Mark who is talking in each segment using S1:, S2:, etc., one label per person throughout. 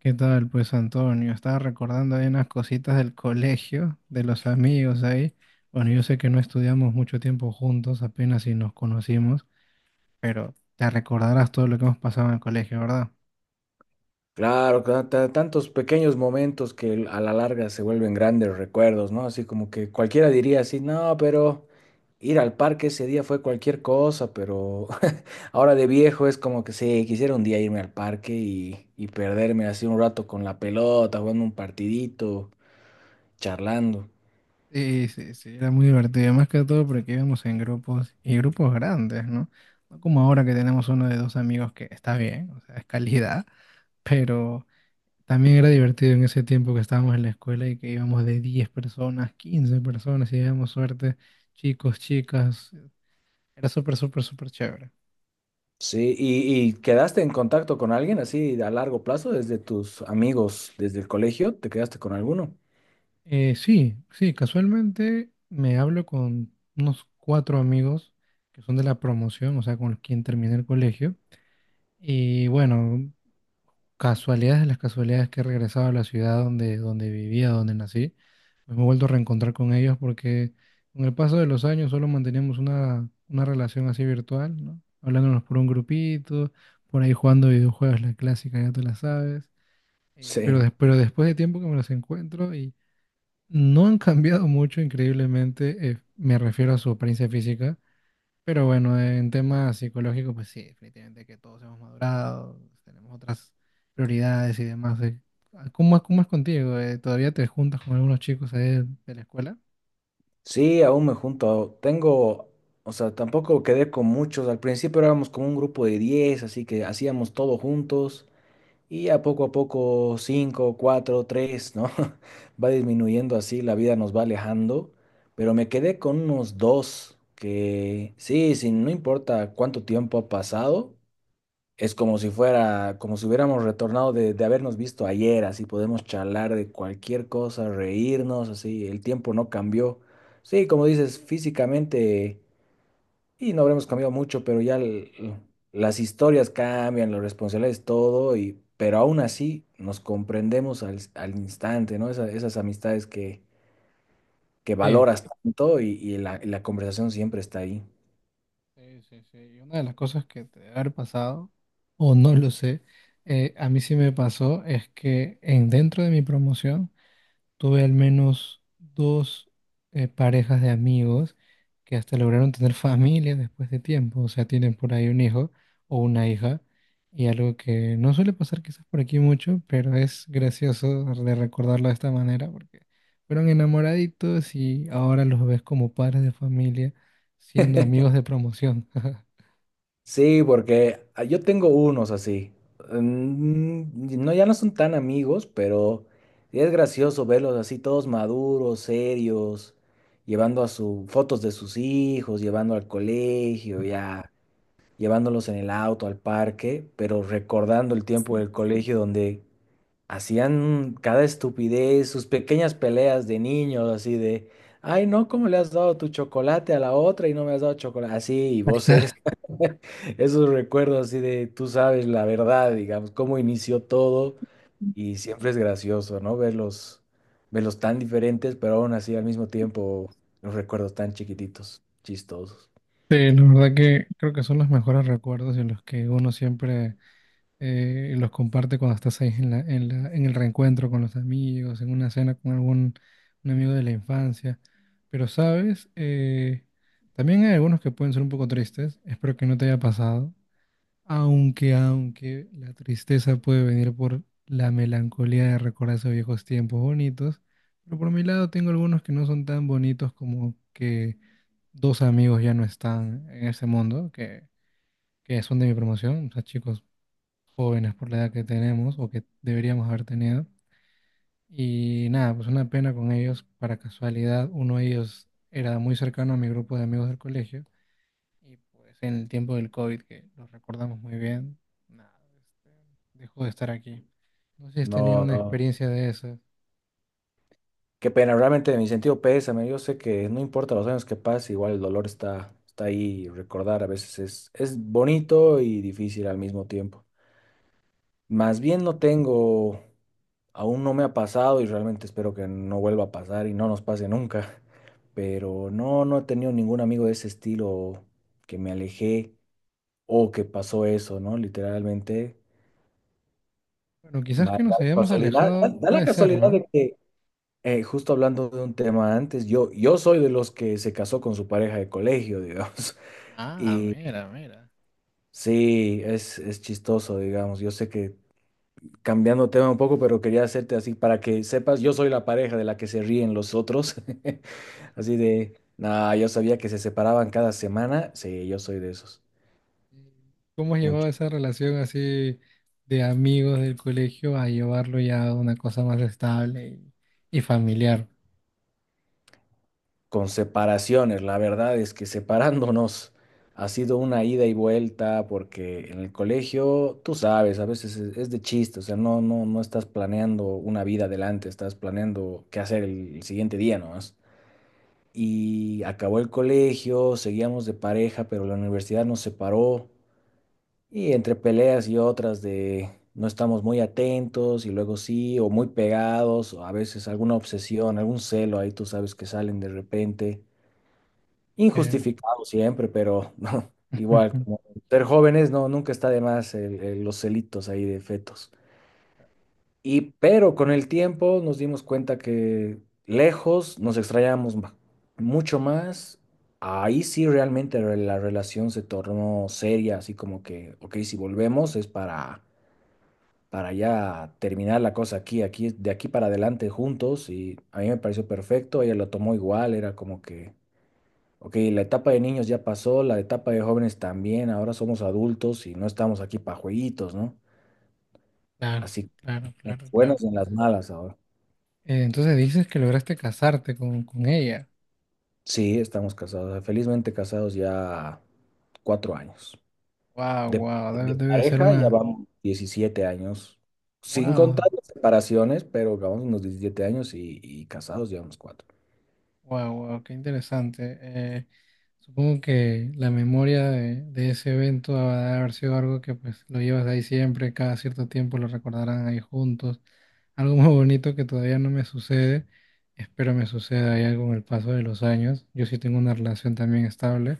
S1: ¿Qué tal, pues Antonio? Estaba recordando ahí unas cositas del colegio, de los amigos ahí. Bueno, yo sé que no estudiamos mucho tiempo juntos, apenas si nos conocimos, pero te recordarás todo lo que hemos pasado en el colegio, ¿verdad?
S2: Claro, tantos pequeños momentos que a la larga se vuelven grandes recuerdos, ¿no? Así como que cualquiera diría así, no, pero ir al parque ese día fue cualquier cosa, pero ahora de viejo es como que sí, quisiera un día irme al parque y perderme así un rato con la pelota, jugando un partidito, charlando.
S1: Sí, sí, sí, era muy divertido, más que todo porque íbamos en grupos y grupos grandes, ¿no? No como ahora que tenemos uno de dos amigos que está bien, o sea, es calidad. Pero también era divertido en ese tiempo que estábamos en la escuela y que íbamos de 10 personas, 15 personas, y íbamos suerte, chicos, chicas. Era súper, súper, súper chévere.
S2: Sí, ¿y quedaste en contacto con alguien así a largo plazo, desde tus amigos, desde el colegio? ¿Te quedaste con alguno?
S1: Sí, sí, casualmente me hablo con unos cuatro amigos que son de la promoción, o sea, con quien terminé el colegio. Y bueno, casualidades de las casualidades que he regresado a la ciudad donde vivía, donde nací, pues me he vuelto a reencontrar con ellos porque con el paso de los años solo manteníamos una relación así virtual, ¿no? Hablándonos por un grupito, por ahí jugando videojuegos, la clásica, ya te la sabes.
S2: Sí.
S1: Pero después de tiempo que me los encuentro y no han cambiado mucho, increíblemente. Me refiero a su apariencia física. Pero bueno, en temas psicológicos, pues sí, definitivamente que todos hemos madurado, tenemos otras prioridades y demás, ¿eh? Ah, ¿cómo es contigo, ¿Todavía te juntas con algunos chicos ahí de la escuela?
S2: Sí, aún me junto. Tengo, o sea, tampoco quedé con muchos. Al principio éramos como un grupo de 10, así que hacíamos todo juntos. Y a poco, 5, 4, 3, ¿no? Va disminuyendo así, la vida nos va alejando. Pero me quedé con unos dos que, sí, sí, no importa cuánto tiempo ha pasado, es como si fuera, como si hubiéramos retornado de habernos visto ayer, así podemos charlar de cualquier cosa, reírnos, así, el tiempo no cambió. Sí, como dices, físicamente, y no habremos cambiado mucho, pero ya las historias cambian, las responsabilidades, todo, y, pero aún así nos comprendemos al instante, ¿no? Esas amistades que
S1: Sí,
S2: valoras tanto y la conversación siempre está ahí.
S1: sí, sí, sí. Y una de las cosas que te debe haber pasado, o no lo sé, a mí sí me pasó, es que dentro de mi promoción, tuve al menos dos, parejas de amigos que hasta lograron tener familia después de tiempo, o sea, tienen por ahí un hijo o una hija, y algo que no suele pasar quizás por aquí mucho, pero es gracioso de recordarlo de esta manera, porque fueron enamoraditos y ahora los ves como padres de familia, siendo amigos de promoción.
S2: Sí, porque yo tengo unos así. No, ya no son tan amigos, pero es gracioso verlos así todos maduros, serios, llevando a su fotos de sus hijos, llevando al colegio, ya llevándolos en el auto al parque, pero recordando el tiempo del colegio donde hacían cada estupidez, sus pequeñas peleas de niños, así de, ay, no, ¿cómo le has dado tu chocolate a la otra y no me has dado chocolate? Así, y vos eres esos recuerdos así de, tú sabes la verdad, digamos, cómo inició todo, y siempre es gracioso, ¿no? Verlos tan diferentes, pero aún así al mismo tiempo, los recuerdos tan chiquititos, chistosos.
S1: Sí, la verdad que creo que son los mejores recuerdos en los que uno siempre, y los comparte cuando estás ahí en en el reencuentro con los amigos, en una cena con algún un amigo de la infancia. Pero, ¿sabes? También hay algunos que pueden ser un poco tristes. Espero que no te haya pasado. Aunque la tristeza puede venir por la melancolía de recordar esos viejos tiempos bonitos. Pero por mi lado tengo algunos que no son tan bonitos, como que dos amigos ya no están en ese mundo, que son de mi promoción. O sea, chicos jóvenes por la edad que tenemos o que deberíamos haber tenido. Y nada, pues una pena con ellos. Para casualidad, uno de ellos era muy cercano a mi grupo de amigos del colegio y pues en el tiempo del COVID, que lo recordamos muy bien, nada, este, dejó de estar aquí. No sé si has tenido
S2: No,
S1: una
S2: no.
S1: experiencia de esas.
S2: Qué pena, realmente mi sentido pésame. Yo sé que no importa los años que pase, igual el dolor está ahí. Y recordar a veces es bonito y difícil al mismo tiempo. Más bien no tengo, aún no me ha pasado y realmente espero que no vuelva a pasar y no nos pase nunca. Pero no, no he tenido ningún amigo de ese estilo que me alejé o que pasó eso, ¿no? Literalmente.
S1: Bueno, quizás
S2: Da
S1: que nos
S2: la
S1: hayamos
S2: casualidad, da
S1: alejado,
S2: da la
S1: puede ser,
S2: casualidad
S1: ¿no?
S2: de que justo hablando de un tema antes, yo soy de los que se casó con su pareja de colegio, digamos.
S1: Ah,
S2: Y
S1: mira, mira.
S2: sí, es chistoso, digamos. Yo sé que cambiando tema un poco, pero quería hacerte así para que sepas, yo soy la pareja de la que se ríen los otros. Así de, nada, yo sabía que se separaban cada semana. Sí, yo soy de esos.
S1: ¿Cómo has llevado esa relación así, de amigos del colegio, a llevarlo ya a una cosa más estable y, familiar?
S2: Con separaciones. La verdad es que separándonos ha sido una ida y vuelta porque en el colegio, tú sabes, a veces es de chiste, o sea, no, no, no estás planeando una vida adelante, estás planeando qué hacer el siguiente día nomás. Y acabó el colegio, seguíamos de pareja, pero la universidad nos separó y entre peleas y otras de. No estamos muy atentos y luego sí, o muy pegados, o a veces alguna obsesión, algún celo ahí tú sabes que salen de repente.
S1: Eh,
S2: Injustificado siempre, pero no igual, como ser jóvenes, no, nunca está de más los celitos ahí de fetos. Y pero con el tiempo nos dimos cuenta que lejos nos extrañamos mucho más. Ahí sí realmente la relación se tornó seria, así como que, ok, si volvemos es para, ya terminar la cosa aquí, aquí, de aquí para adelante juntos. Y a mí me pareció perfecto, ella lo tomó igual, era como que ok, la etapa de niños ya pasó, la etapa de jóvenes también, ahora somos adultos y no estamos aquí para jueguitos, ¿no?
S1: Claro,
S2: Así,
S1: claro,
S2: en las
S1: claro,
S2: buenas
S1: claro.
S2: y en las malas ahora.
S1: Entonces dices que lograste casarte con ella.
S2: Sí, estamos casados, felizmente casados ya 4 años.
S1: Wow, wow, debe,
S2: De
S1: debe ser
S2: pareja ya
S1: una...
S2: vamos 17 años, sin contar
S1: Wow.
S2: las separaciones, pero vamos unos 17 años y casados llevamos cuatro.
S1: Wow, wow, qué interesante. Supongo que la memoria de ese evento ha de haber sido algo que pues lo llevas ahí siempre, cada cierto tiempo lo recordarán ahí juntos. Algo muy bonito que todavía no me sucede, espero me suceda ya con el paso de los años. Yo sí tengo una relación también estable,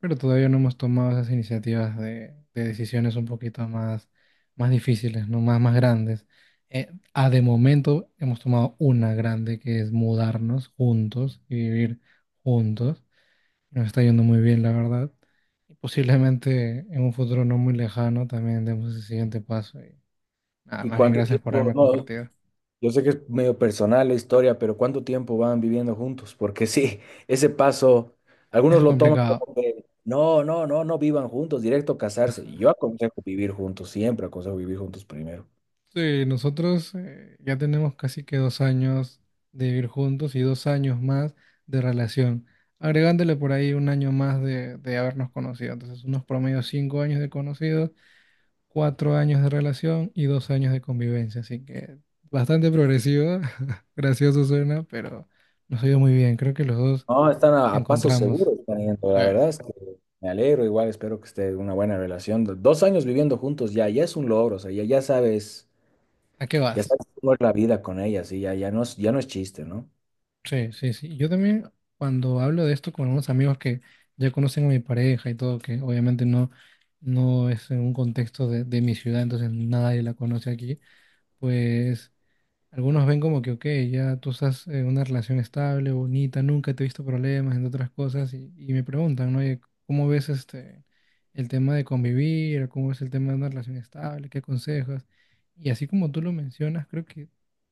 S1: pero todavía no hemos tomado esas iniciativas de decisiones un poquito más, más difíciles, ¿no? Más, más grandes. Eh, Ah, de momento hemos tomado una grande que es mudarnos juntos y vivir juntos. Nos está yendo muy bien, la verdad. Y posiblemente en un futuro no muy lejano también demos ese siguiente paso. Y nada,
S2: ¿Y
S1: más bien
S2: cuánto
S1: gracias por
S2: tiempo?
S1: haberme
S2: No,
S1: compartido.
S2: yo sé que es medio personal la historia, pero ¿cuánto tiempo van viviendo juntos? Porque sí, ese paso, algunos
S1: Es
S2: lo toman
S1: complicado.
S2: como que no, no, no, no vivan juntos, directo casarse. Yo aconsejo vivir juntos, siempre aconsejo vivir juntos primero.
S1: Sí, nosotros, ya tenemos casi que 2 años de vivir juntos y 2 años más de relación, agregándole por ahí un año más de habernos conocido. Entonces, unos promedio 5 años de conocidos, 4 años de relación y 2 años de convivencia, así que bastante progresiva. Gracioso suena, pero nos ha ido muy bien, creo que los dos
S2: No, están a paso
S1: encontramos.
S2: seguro, están yendo. La verdad
S1: eh,
S2: es que me alegro, igual espero que esté una buena relación. 2 años viviendo juntos ya es un logro, o sea,
S1: ¿A qué
S2: ya
S1: vas?
S2: sabes cómo es la vida con ella, sí, ya no es chiste, ¿no?
S1: Sí, sí, sí. Yo también, cuando hablo de esto con algunos amigos que ya conocen a mi pareja y todo, que obviamente no, no es en un contexto de mi ciudad, entonces nadie la conoce aquí, pues algunos ven como que, ok, ya tú estás en una relación estable, bonita, nunca te he visto problemas, entre otras cosas, y me preguntan, ¿no? Oye, ¿cómo ves el tema de convivir? ¿Cómo ves el tema de una relación estable? ¿Qué aconsejas? Y así como tú lo mencionas, creo que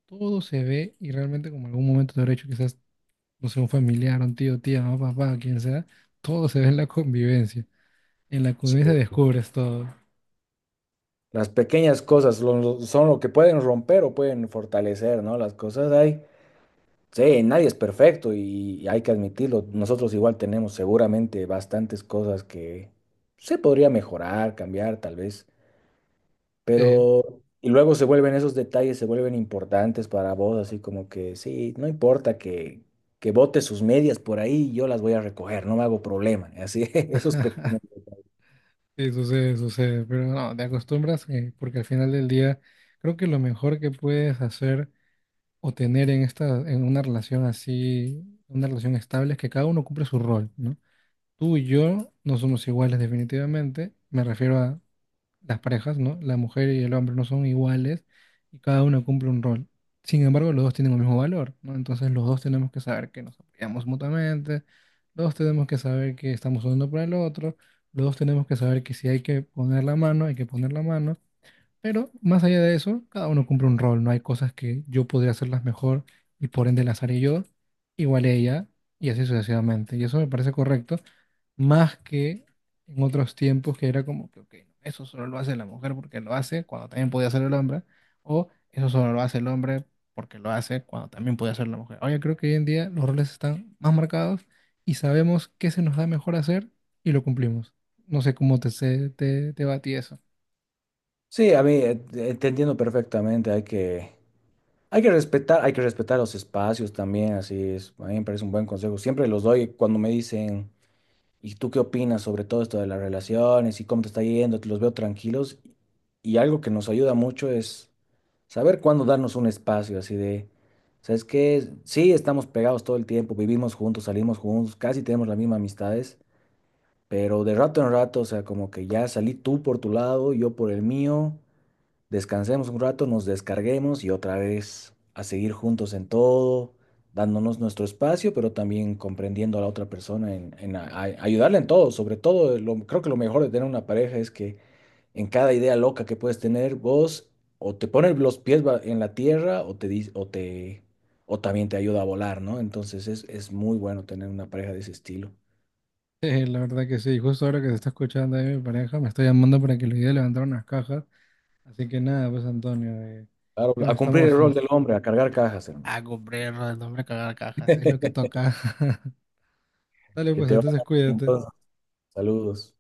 S1: todo se ve y realmente como en algún momento te habrá hecho quizás, no sé, un familiar, un tío, tía, mamá, papá, quien sea, todo se ve en la convivencia. En la
S2: Sí.
S1: convivencia descubres todo.
S2: Las pequeñas cosas son lo que pueden romper o pueden fortalecer, ¿no? Las cosas hay. Sí, nadie es perfecto y hay que admitirlo. Nosotros igual tenemos seguramente bastantes cosas que se podría mejorar, cambiar tal vez,
S1: Sí.
S2: pero y luego se vuelven esos detalles, se vuelven importantes para vos, así como que sí, no importa que bote sus medias por ahí, yo las voy a recoger, no me hago problema. Así, esos pequeños.
S1: Sí, sucede, sucede, pero no, te acostumbras, porque al final del día creo que lo mejor que puedes hacer o tener en esta, en una relación así, una relación estable, es que cada uno cumple su rol, ¿no? Tú y yo no somos iguales definitivamente, me refiero a las parejas, ¿no? La mujer y el hombre no son iguales y cada uno cumple un rol. Sin embargo, los dos tienen el mismo valor, ¿no? Entonces los dos tenemos que saber que nos apoyamos mutuamente, los dos tenemos que saber que estamos uno para el otro, los dos tenemos que saber que si hay que poner la mano, hay que poner la mano, pero más allá de eso, cada uno cumple un rol, ¿no? Hay cosas que yo podría hacerlas mejor y por ende las haré yo, igual ella, y así sucesivamente. Y eso me parece correcto, más que en otros tiempos que era como que, ok, eso solo lo hace la mujer porque lo hace cuando también podía hacer el hombre, o eso solo lo hace el hombre porque lo hace cuando también podía hacer la mujer. Ahora yo creo que hoy en día los roles están más marcados y sabemos qué se nos da mejor hacer y lo cumplimos. No sé cómo te va a ti eso.
S2: Sí, a mí te entiendo perfectamente, hay que respetar los espacios también, así es. A mí me parece un buen consejo. Siempre los doy cuando me dicen, ¿y tú qué opinas sobre todo esto de las relaciones y cómo te está yendo? Te los veo tranquilos. Y algo que nos ayuda mucho es saber cuándo darnos un espacio, así de, ¿sabes qué? Sí, estamos pegados todo el tiempo, vivimos juntos, salimos juntos, casi tenemos las mismas amistades, pero de rato en rato, o sea, como que ya salí tú por tu lado, yo por el mío descansemos un rato, nos descarguemos y otra vez a seguir juntos en todo, dándonos nuestro espacio, pero también comprendiendo a la otra persona, ayudarle en todo. Sobre todo, creo que lo mejor de tener una pareja es que en cada idea loca que puedes tener, vos o te pones los pies en la tierra, o te, dis- o te, o también te ayuda a volar, ¿no? Entonces es muy bueno tener una pareja de ese estilo.
S1: Sí, la verdad que sí. Justo ahora que se está escuchando ahí mi pareja, me está llamando para que le ayude a levantar unas cajas. Así que nada, pues Antonio,
S2: Claro,
S1: ya nos
S2: a cumplir el
S1: estamos
S2: rol
S1: nos...
S2: del hombre, a cargar cajas, hermano.
S1: A comprar, no hombre, cagar cajas, es lo que toca. Dale,
S2: Que
S1: pues
S2: te vaya
S1: entonces
S2: bien,
S1: cuídate.
S2: entonces, saludos.